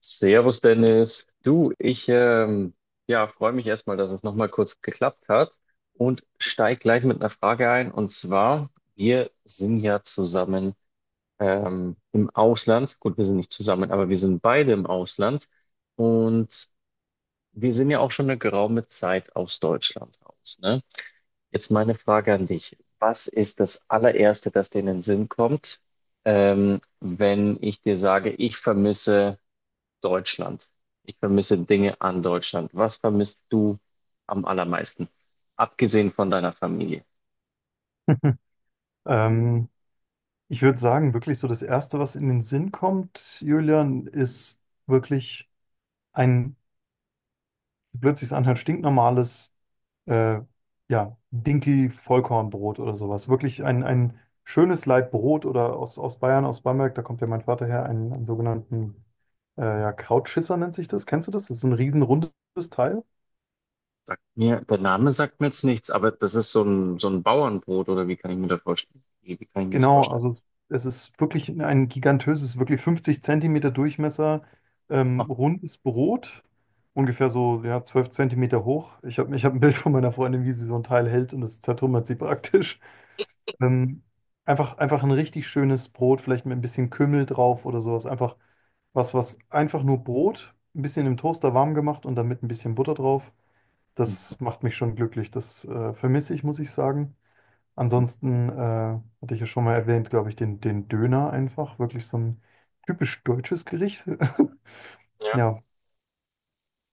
Servus Dennis, du, ich ja, freue mich erstmal, dass es nochmal kurz geklappt hat und steig gleich mit einer Frage ein. Und zwar, wir sind ja zusammen im Ausland. Gut, wir sind nicht zusammen, aber wir sind beide im Ausland und wir sind ja auch schon eine geraume Zeit aus Deutschland raus, ne? Jetzt meine Frage an dich. Was ist das allererste, das dir in den Sinn kommt, wenn ich dir sage, ich vermisse Deutschland. Ich vermisse Dinge an Deutschland. Was vermisst du am allermeisten? Abgesehen von deiner Familie. Ähm, ich würde sagen, wirklich so das Erste, was in den Sinn kommt, Julian, ist wirklich ein, wie blöd sich's anhört, stinknormales, äh, ja, Dinkel-Vollkornbrot oder sowas. Wirklich ein schönes Laib Brot oder aus Bayern, aus Bamberg, da kommt ja mein Vater her, einen sogenannten, ja, Krautschisser nennt sich das. Kennst du das? Das ist so ein riesenrundes Teil. Sagt mir, der Name sagt mir jetzt nichts, aber das ist so ein Bauernbrot oder wie kann ich mir das vorstellen? Wie kann ich mir das Genau, vorstellen? also es ist wirklich ein gigantöses, wirklich 50 Zentimeter Durchmesser, Ah, rundes Brot, ungefähr so ja, 12 Zentimeter hoch. Ich hab ein Bild von meiner Freundin, wie sie so ein Teil hält und das zertrümmert sie praktisch. Ähm, einfach ein richtig schönes Brot, vielleicht mit ein bisschen Kümmel drauf oder sowas. Einfach was einfach nur Brot, ein bisschen im Toaster warm gemacht und dann mit ein bisschen Butter drauf. mhm. Das macht mich schon glücklich. Das vermisse ich, muss ich sagen. Ansonsten hatte ich ja schon mal erwähnt, glaube ich, den Döner einfach. Wirklich so ein typisch deutsches Gericht. Ja. Ja,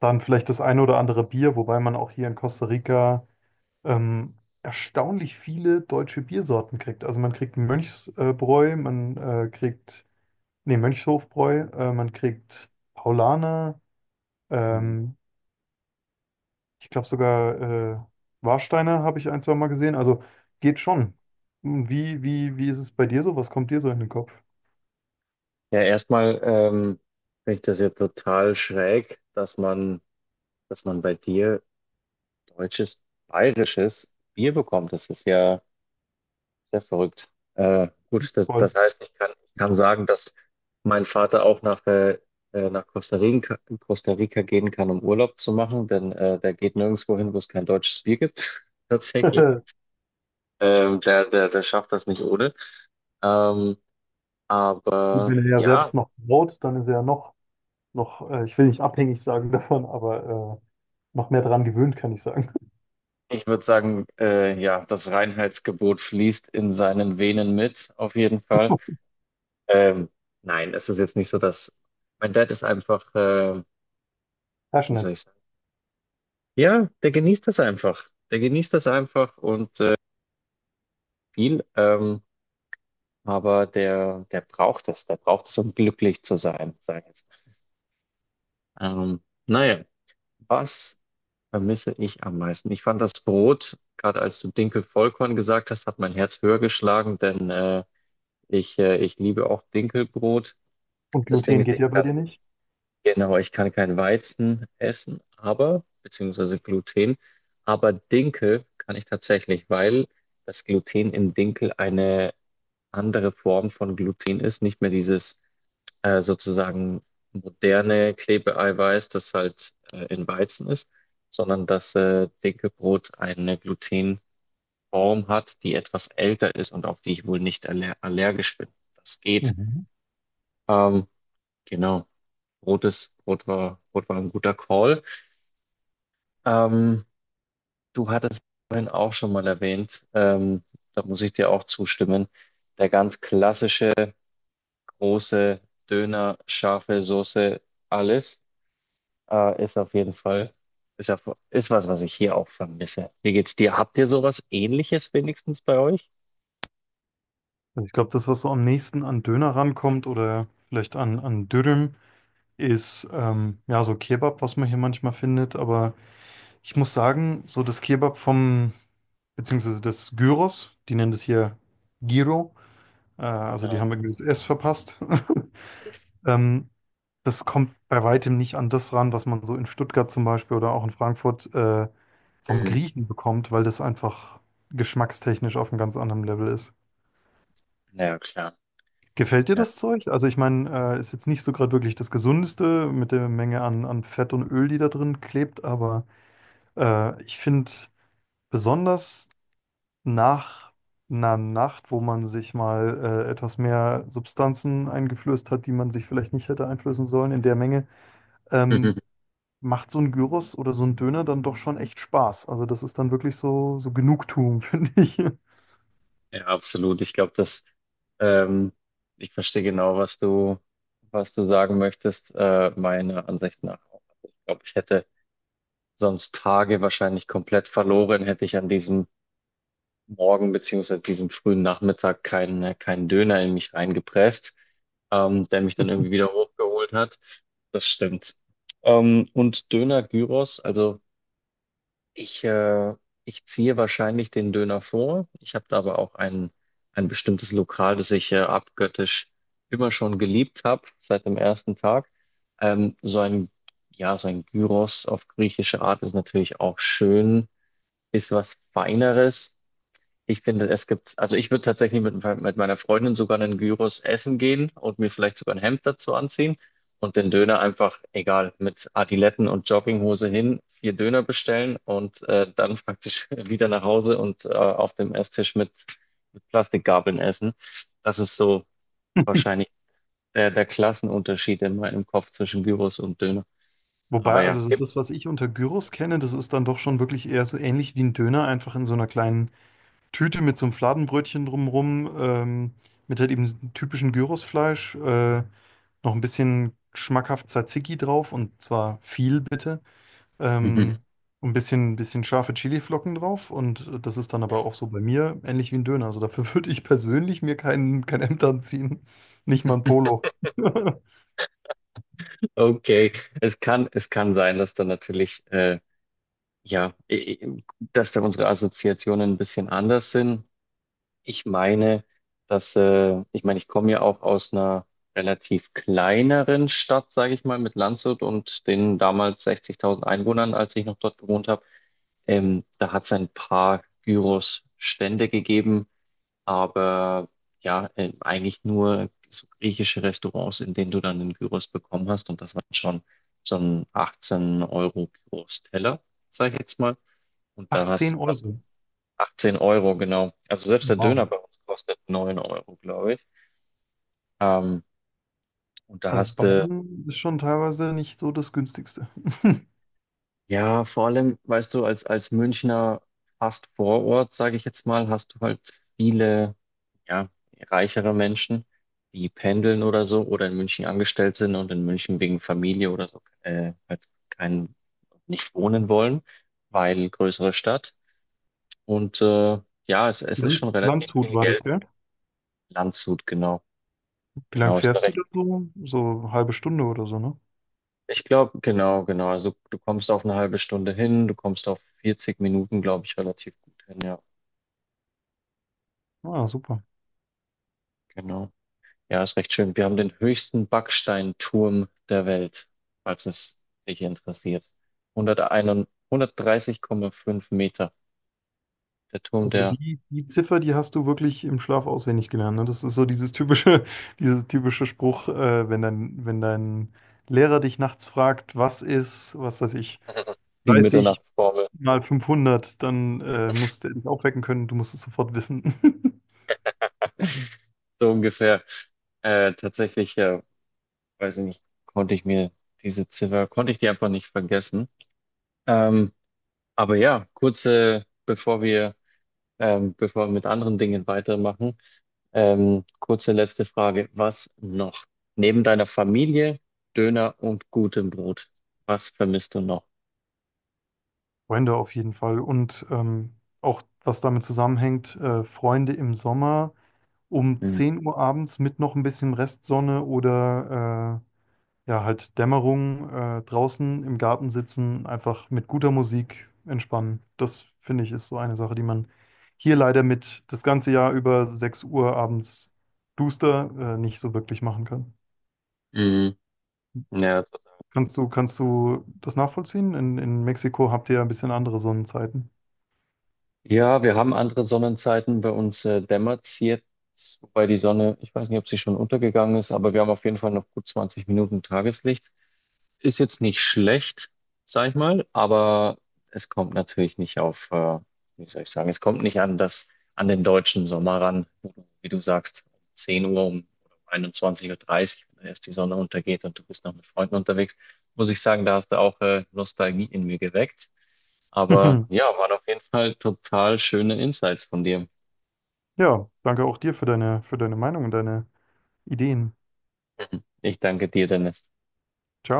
dann vielleicht das eine oder andere Bier, wobei man auch hier in Costa Rica ähm, erstaunlich viele deutsche Biersorten kriegt. Also man kriegt Mönchsbräu, man nee, Mönchshofbräu, man kriegt Paulaner, Mhm. ähm, ich glaube sogar Warsteiner habe ich ein, zwei Mal gesehen. Also geht schon. Hm, wie ist es bei dir so? Was kommt dir so in den Kopf? Ja, erstmal finde ich das ja total schräg, dass man bei dir deutsches, bayerisches Bier bekommt. Das ist ja sehr verrückt. Gut, das, Voll. das heißt, ich kann sagen, dass mein Vater auch nach Costa Rica gehen kann, um Urlaub zu machen, denn der geht nirgendwo hin, wo es kein deutsches Bier gibt. Tatsächlich. Und Der schafft das nicht ohne. Ähm, aber Wenn er ja ja, selbst noch braut, dann ist er ja noch, noch ich will nicht abhängig sagen davon, aber noch mehr dran gewöhnt, kann ich sagen. ich würde sagen, ja, das Reinheitsgebot fließt in seinen Venen mit, auf jeden Fall. Ähm, nein, es ist jetzt nicht so, dass mein Dad ist einfach, wie soll Passionate. ich sagen, ja, der genießt das einfach. Der genießt das einfach und viel, aber der braucht es. Der braucht es, um glücklich zu sein, sage ich jetzt. Ähm, naja, was vermisse ich am meisten? Ich fand das Brot, gerade als du Dinkel-Vollkorn gesagt hast, hat mein Herz höher geschlagen, denn ich liebe auch Dinkelbrot. Und Das Ding Gluten ist, geht ich ja bei kann. dir nicht. Genau, ich kann kein Weizen essen, aber, beziehungsweise Gluten, aber Dinkel kann ich tatsächlich, weil das Gluten in Dinkel eine andere Form von Gluten ist, nicht mehr dieses sozusagen moderne Klebeeiweiß, das halt in Weizen ist, sondern dass Dinkelbrot eine Glutenform hat, die etwas älter ist und auf die ich wohl nicht allergisch bin. Das geht. Mhm. Ähm, Genau. Brot war ein guter Call. Ähm, Du hattest vorhin auch schon mal erwähnt, da muss ich dir auch zustimmen, der ganz klassische große Döner, scharfe Soße, alles, ist auf jeden Fall, ist was, was ich hier auch vermisse. Wie geht's dir? Habt ihr sowas Ähnliches wenigstens bei euch? Also ich glaube, das, was so am nächsten an Döner rankommt oder vielleicht an Dürüm, ist ja so Kebab, was man hier manchmal findet. Aber ich muss sagen, so das Kebab beziehungsweise das Gyros, die nennen das hier Gyro, also die Ja. haben irgendwie das S verpasst. Ähm, das kommt bei weitem nicht an das ran, was man so in Stuttgart zum Beispiel oder auch in Frankfurt vom Mhm. Griechen bekommt, weil das einfach geschmackstechnisch auf einem ganz anderen Level ist. Na ja, klar. Gefällt dir Ja. das Zeug? Also ich meine, ist jetzt nicht so gerade wirklich das Gesundeste mit der Menge an Fett und Öl, die da drin klebt, aber ich finde besonders nach einer Nacht, wo man sich mal etwas mehr Substanzen eingeflößt hat, die man sich vielleicht nicht hätte einflößen sollen in der Menge, ähm, macht so ein Gyros oder so ein Döner dann doch schon echt Spaß. Also das ist dann wirklich so, so Genugtuung, finde ich. Ja, absolut. Ich glaube, dass ähm, ich verstehe genau, was du sagen möchtest, meiner Ansicht nach auch. Ich glaube, ich hätte sonst Tage wahrscheinlich komplett verloren, hätte ich an diesem Morgen beziehungsweise diesem frühen Nachmittag keinen Döner in mich reingepresst, der mich dann irgendwie wieder hochgeholt hat. Das stimmt. Und Döner Gyros, also ich, äh, ich ziehe wahrscheinlich den Döner vor. Ich habe da aber auch ein bestimmtes Lokal, das ich abgöttisch immer schon geliebt habe, seit dem ersten Tag. Ähm, so ein, ja, so ein Gyros auf griechische Art ist natürlich auch schön, ist was Feineres. Ich finde, also ich würde tatsächlich mit meiner Freundin sogar einen Gyros essen gehen und mir vielleicht sogar ein Hemd dazu anziehen und den Döner einfach, egal, mit Adiletten und Jogginghose hin, vier Döner bestellen und dann praktisch wieder nach Hause und auf dem Esstisch mit Plastikgabeln essen. Das ist so wahrscheinlich der Klassenunterschied in meinem Kopf zwischen Gyros und Döner. Aber Wobei, ja, also so gibt. das, was ich unter Gyros kenne, das ist dann doch schon wirklich eher so ähnlich wie ein Döner, einfach in so einer kleinen Tüte mit so einem Fladenbrötchen drumrum, mit halt eben diesem typischen Gyrosfleisch, noch ein bisschen schmackhaft Tzatziki drauf und zwar viel bitte. Ähm, ein bisschen scharfe Chiliflocken drauf. Und das ist dann aber auch so bei mir ähnlich wie ein Döner. Also dafür würde ich persönlich mir kein Hemd anziehen. Nicht mal ein Polo. Okay, es kann sein, dass da natürlich, dass da unsere Assoziationen ein bisschen anders sind. Ich meine, ich komme ja auch aus einer relativ kleineren Stadt, sage ich mal, mit Landshut und den damals 60.000 Einwohnern, als ich noch dort gewohnt habe. Da hat es ein paar Gyros-Stände gegeben, aber ja, eigentlich nur so griechische Restaurants, in denen du dann den Gyros bekommen hast. Und das waren schon so ein 18-Euro-Gyros-Teller, sag ich jetzt mal. Und da 18 hast du Euro. 18 Euro, genau. Also selbst der Döner Wow. bei uns kostet 9 Euro, glaube ich. Ähm, und da Also hast du, Bayern ist schon teilweise nicht so das günstigste. ja, vor allem, weißt du, als Münchner fast Vorort, sage ich jetzt mal, hast du halt viele, ja, reichere Menschen, die pendeln oder so oder in München angestellt sind und in München wegen Familie oder so, halt kein, nicht wohnen wollen, weil größere Stadt. Und ja, es ist Land- schon relativ Landshut viel war das, Geld. gell? Landshut, genau. Wie lange Genau, ist fährst du recht. da so? So eine halbe Stunde oder so, ne? Ich glaube, genau, genau. Also du kommst auf eine halbe Stunde hin, du kommst auf 40 Minuten, glaube ich, relativ gut hin, ja. Ah, super. Genau. Ja, ist recht schön. Wir haben den höchsten Backsteinturm der Welt, falls es dich interessiert. 101, 130,5 Meter. Der Turm Also der. die, die Ziffer, die hast du wirklich im Schlaf auswendig gelernt. Ne? Das ist so dieses typische, dieses typische Spruch, wenn dein Lehrer dich nachts fragt, was ist, was weiß ich, Die 30 Mitternachtsformel. mal 500 dann musst du dich aufwecken können, du musst es sofort wissen. So ungefähr. Tatsächlich, weiß ich nicht, konnte ich mir diese Ziffer, konnte ich die einfach nicht vergessen. Ähm, aber ja, bevor wir mit anderen Dingen weitermachen, kurze letzte Frage. Was noch? Neben deiner Familie, Döner und gutem Brot, was vermisst du noch? Freunde auf jeden Fall. Und auch was damit zusammenhängt, Freunde im Sommer um Mhm. 10 Uhr abends mit noch ein bisschen Restsonne oder ja, halt Dämmerung, draußen im Garten sitzen, einfach mit guter Musik entspannen. Das finde ich ist so eine Sache, die man hier leider mit das ganze Jahr über 6 Uhr abends duster, nicht so wirklich machen kann. Mhm. Ja, total. Kannst du das nachvollziehen? In Mexiko habt ihr ja ein bisschen andere Sonnenzeiten. Ja, wir haben andere Sonnenzeiten. Bei uns dämmert es jetzt, wobei die Sonne, ich weiß nicht, ob sie schon untergegangen ist, aber wir haben auf jeden Fall noch gut 20 Minuten Tageslicht. Ist jetzt nicht schlecht, sag ich mal, aber es kommt natürlich nicht wie soll ich sagen, es kommt nicht an das, an den deutschen Sommer ran, wo du, wie du sagst, um 10 Uhr um, oder um 21:30 Uhr, dreißig, wenn erst die Sonne untergeht und du bist noch mit Freunden unterwegs, muss ich sagen, da hast du auch Nostalgie in mir geweckt. Aber ja, waren auf jeden Fall total schöne Insights von dir. Ja, danke auch dir für für deine Meinung und deine Ideen. Ich danke dir, Dennis. Ciao.